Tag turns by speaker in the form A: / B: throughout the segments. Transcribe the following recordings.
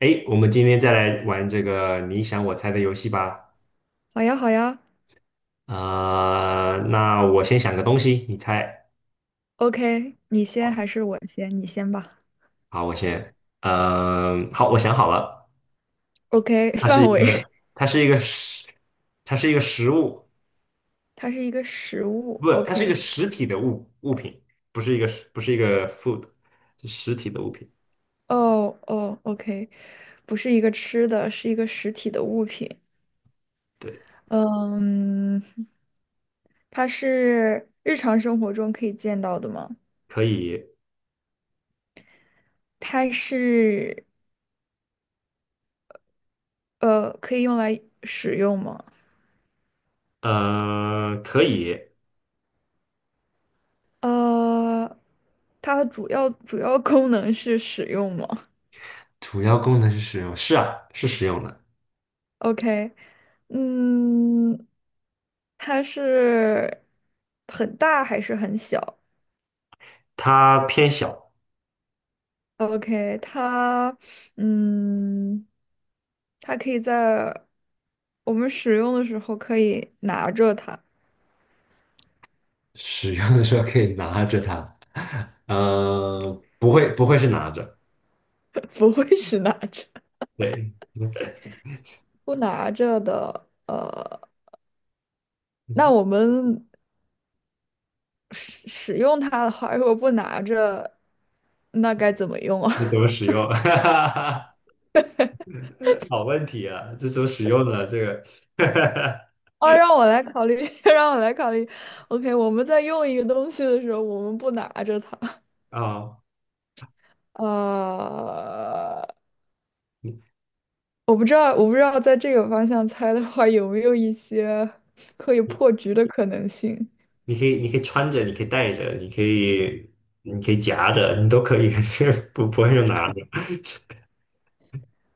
A: 哎，我们今天再来玩这个你想我猜的游戏吧。
B: 好呀，好呀
A: 那我先想个东西，你猜。
B: ，OK，你先
A: 好，
B: 还是我先？你先吧。
A: 好，我先。好，我想好了，
B: OK，
A: 它是一
B: 范围，
A: 个，它是一个食，它是一个食物，
B: 它是一个食物。
A: 不，它是一个
B: OK，
A: 实体的物品，不是一个，不是一个 food，是实体的物品。
B: 哦哦，OK，不是一个吃的，是一个实体的物品。
A: 对，
B: 嗯，它是日常生活中可以见到的吗？
A: 可以，
B: 它是可以用来使用吗？
A: 可以。
B: 呃，它的主要功能是使用吗？
A: 主要功能是食用，是啊，是食用的。
B: OK，嗯，它是很大还是很小
A: 它偏小，
B: ？OK，它，嗯，它可以在我们使用的时候可以拿着它，
A: 使用的时候可以拿着它，嗯，不会是拿着，
B: 不会是拿着，
A: 对，
B: 不拿着的。呃，那我们使用它的话，如果不拿着，那该怎么用啊？
A: 那怎么使用？好问题啊，这怎么使用呢？这个
B: 哦，让我来考虑，让我来考虑。OK，我们在用一个东西的时候，我们不拿着它。
A: 啊，
B: 呃，我不知道在这个方向猜的话，有没有一些可以
A: 你
B: 破局的可能性？
A: 你可以穿着，你可以戴着，你可以夹着，你都可以，不会用拿着。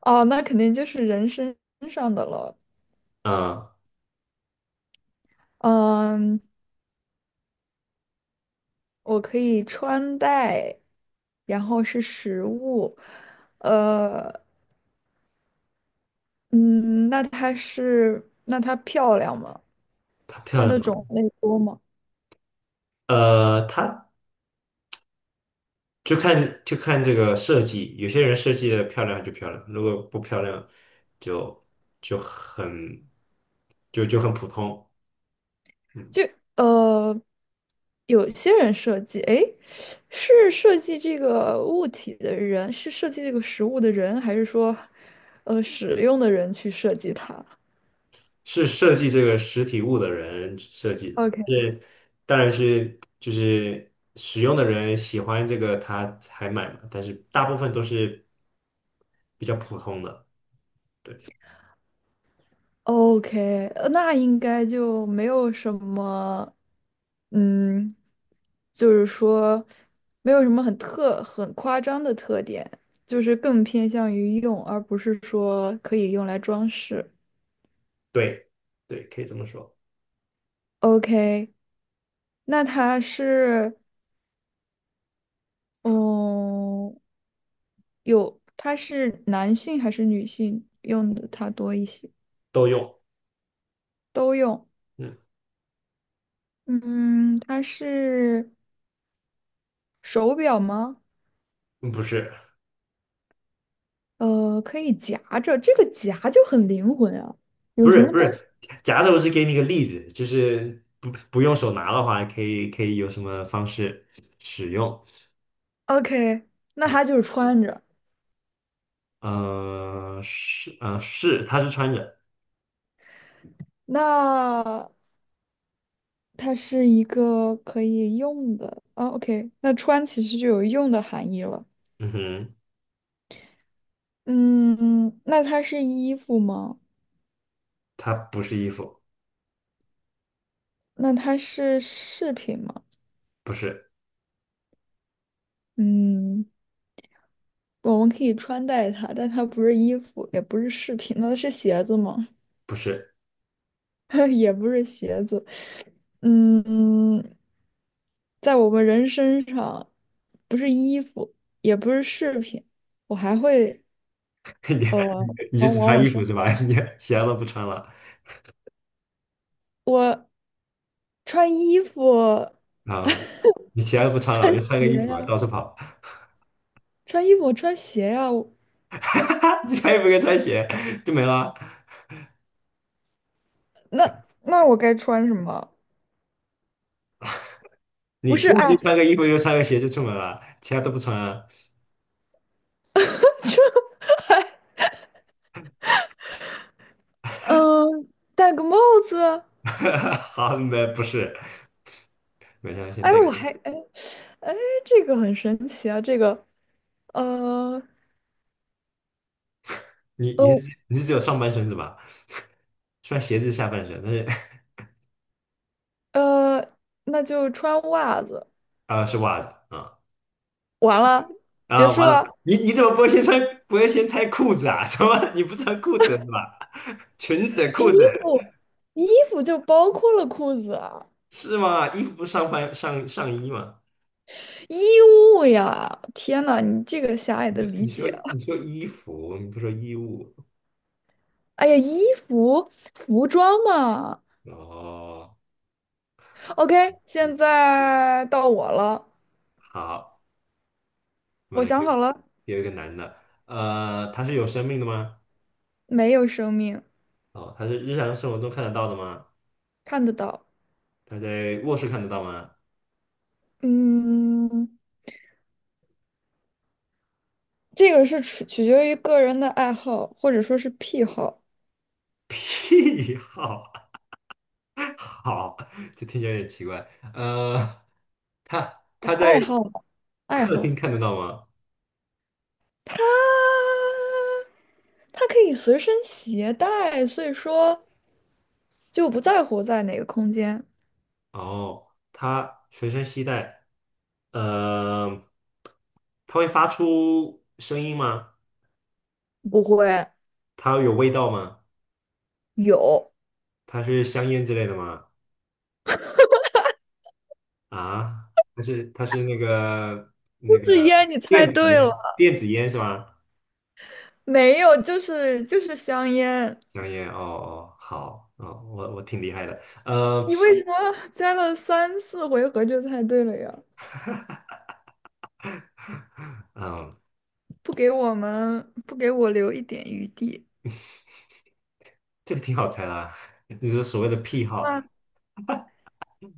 B: 哦，那肯定就是人身上的了。
A: 嗯，
B: 嗯，我可以穿戴，然后是食物。呃，嗯，那它是，那它漂亮吗？
A: 它
B: 它
A: 漂
B: 的
A: 亮吗？
B: 种类多吗？
A: 呃，它。就看这个设计，有些人设计的漂亮就漂亮，如果不漂亮就就很就很普通。嗯，
B: 就呃，有些人设计，诶，是设计这个物体的人，是设计这个食物的人，还是说，呃，使用的人去设计它
A: 是设计这个实体物的人设计的，
B: o k
A: 当然就是使用的人喜欢这个他才买嘛，但是大部分都是比较普通的，对
B: o k 那应该就没有什么，嗯，就是说没有什么很特很夸张的特点，就是更偏向于用，而不是说可以用来装饰。
A: 对对，可以这么说，
B: OK，那它是，嗯，有，它是男性还是女性用的它多一些？
A: 都用。
B: 都用。
A: 嗯，
B: 嗯，它是手表吗？
A: 不是。
B: 呃，可以夹着，这个夹就很灵魂啊。有
A: 不
B: 什
A: 是
B: 么
A: 不
B: 东
A: 是，
B: 西
A: 假设我是给你一个例子，就是不用手拿的话，可以有什么方式使用？
B: ？OK，那它就是穿着。
A: 是，它是穿着，
B: 那它是一个可以用的啊。哦 OK，那穿其实就有用的含义了。
A: 嗯哼，
B: 嗯，那它是衣服吗？
A: 它不是衣服，
B: 那它是饰品吗？
A: 不是
B: 嗯，我们可以穿戴它，但它不是衣服，也不是饰品，那是鞋子吗？
A: 不是，
B: 也不是鞋子。嗯，在我们人身上，不是衣服，也不是饰品，我还会
A: 你
B: 呃，
A: 你就
B: 往
A: 只
B: 往
A: 穿
B: 我
A: 衣服
B: 身，
A: 是吧？你其他都不穿了
B: 我穿衣服，
A: 啊？你其他都不 穿了，我
B: 穿
A: 就穿个
B: 鞋
A: 衣服
B: 呀、
A: 到处跑，
B: 穿衣服我穿鞋呀、我
A: 你穿衣服跟穿鞋就没了。
B: 那我该穿什么？不
A: 你
B: 是，
A: 出门就
B: 哎，
A: 穿个衣服，就穿个鞋就出门了，其他都不穿啊。
B: 嗯、戴个帽子。
A: 好，没不是，没事，先
B: 哎，
A: 带。
B: 我还哎哎，这个很神奇啊！这个呃
A: 你你
B: 哦
A: 是你是只有上半身是吧？穿鞋子是下半身，但是
B: 呃，那就穿袜子，
A: 啊是袜子啊
B: 完了，结
A: 啊
B: 束
A: 完了，
B: 了。
A: 你怎么不会先穿不会先拆裤子啊？怎么你不穿裤子是吧？裙子
B: 衣
A: 裤子
B: 服衣服就包括了裤子啊，
A: 是吗？衣服不是上半上上衣吗？
B: 衣物呀！天呐，你这个狭隘的理
A: 你说你
B: 解
A: 说你
B: 啊！
A: 说衣服，你不说衣物
B: 哎呀，服服装嘛。
A: 哦。
B: OK，
A: 嗯
B: 现在到我了，
A: 好，我们
B: 我
A: 有
B: 想
A: 给
B: 好了，
A: 给一个男的，他是有生命的吗？
B: 没有生命，
A: 哦，他是日常生活中看得到的吗？
B: 看得到。
A: 他在卧室看得到吗？
B: 嗯，这个是取决于个人的爱好，或者说是癖好、
A: 屁好。好，这听起来有点奇怪。呃，他在
B: 爱好、爱
A: 客
B: 好。
A: 厅看得到吗？
B: 它它可以随身携带，所以说就不在乎在哪个空间。
A: 哦，他随身携带。呃，他会发出声音吗？
B: 不会
A: 它有味道吗？
B: 有，
A: 它是香烟之类的吗？啊，它是它是那个
B: 就
A: 那
B: 是
A: 个
B: 烟，你猜
A: 电子
B: 对了，
A: 烟，电子烟是吗？
B: 没有，就是香烟。
A: 香烟，哦，好，哦，我挺厉害的。
B: 你为什么猜了三四回合就猜对了呀？
A: 嗯，
B: 不给我们，不给我留一点余地。
A: 这个挺好猜啦，你说所谓的癖好。
B: 啊。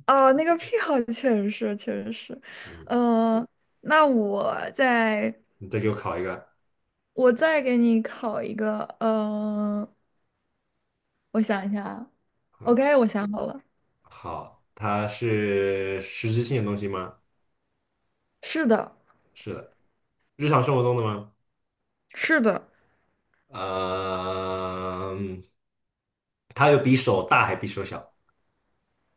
B: 哦，那个癖好确实是，
A: 嗯
B: 嗯、那我再
A: 你再给我考一个，
B: 我再给你考一个，嗯、我想一下啊
A: 嗯，
B: ，OK，我想好了，
A: 好，它是实质性的东西吗？
B: 是的，
A: 是的，日常生活中的吗？
B: 是的，
A: 呃嗯。它有比手大还比手小？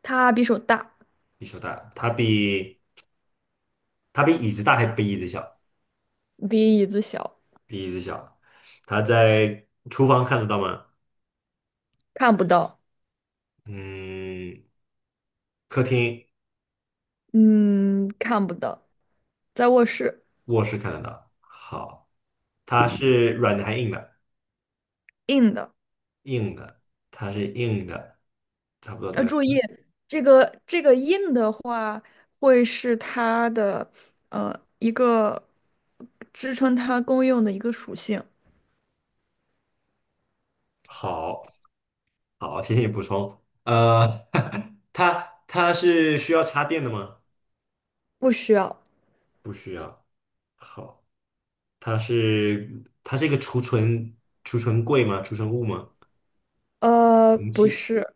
B: 它比手大，
A: 比手大，它比椅子大还比椅子小？
B: 比椅子小，
A: 比椅子小。它在厨房看得到吗？
B: 看不到，
A: 嗯，客厅、
B: 嗯，看不到，在卧室，
A: 卧室看得到。好，它是软的还硬的？
B: 硬的，
A: 硬的，它是硬的，差不多
B: 要
A: 的。
B: 注意这个硬的话，会是它的呃一个支撑它功用的一个属性，
A: 好，好，谢谢你补充。呃，它是需要插电的吗？
B: 不需要。
A: 不需要。好，它是一个储存柜吗？储存物吗？
B: 呃，
A: 容
B: 不
A: 器
B: 是，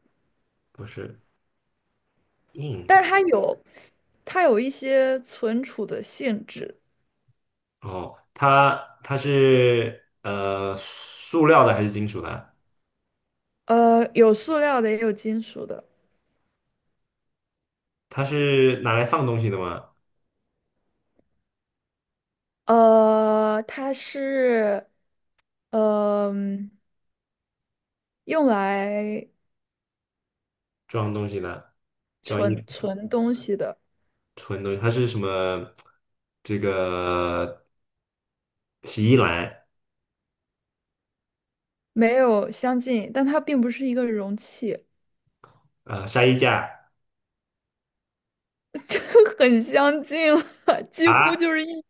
A: 不是硬
B: 但
A: 的。
B: 是它有，它有一些存储的性质。
A: 哦，它是呃塑料的还是金属的？
B: 呃，有塑料的，也有金属的，
A: 它是拿来放东西的吗？
B: 呃，它是，嗯、用来
A: 装东西的，装衣服、
B: 存东西的，
A: 存东西，它是什么？这个洗衣篮，
B: 没有相近，但它并不是一个容器，
A: 呃，晒衣架。
B: 这很相近了，几乎就
A: 啊，
B: 是一，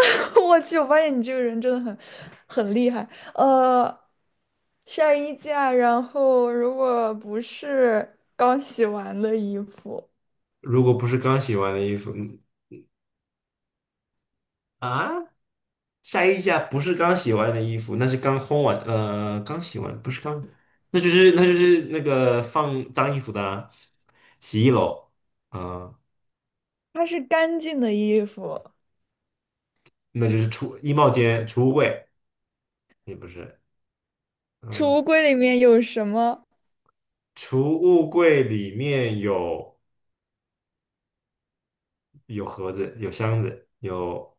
B: 我去，我发现你这个人真的很厉害，呃。晒衣架，然后如果不是刚洗完的衣服，
A: 如果不是刚洗完的衣服，嗯啊，晒衣架不是刚洗完的衣服，那是刚烘完，呃，刚洗完，不是刚，那就是那个放脏衣服的啊洗衣篓，嗯、
B: 它是干净的衣服。
A: 那就是储衣帽间、储物柜，也不是，嗯、
B: 储物柜里面有什么？
A: 储物柜里面有有盒子、有箱子、有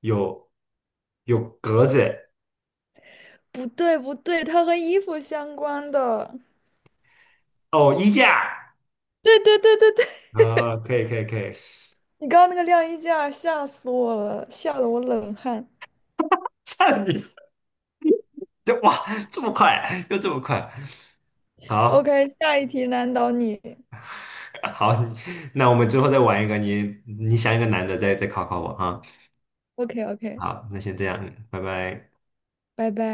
A: 有有格子，
B: 不对，它和衣服相关的。
A: 哦，衣架，
B: 对对对对对，
A: 啊、可以，
B: 你刚刚那个晾衣架吓死我了，吓得我冷汗。
A: 差点就哇，这么快，又这么快，好
B: OK，下一题难倒你。
A: 好，那我们之后再玩一个，你想一个难的再考考我啊。
B: OK OK，
A: 好，那先这样，拜拜。
B: 拜拜。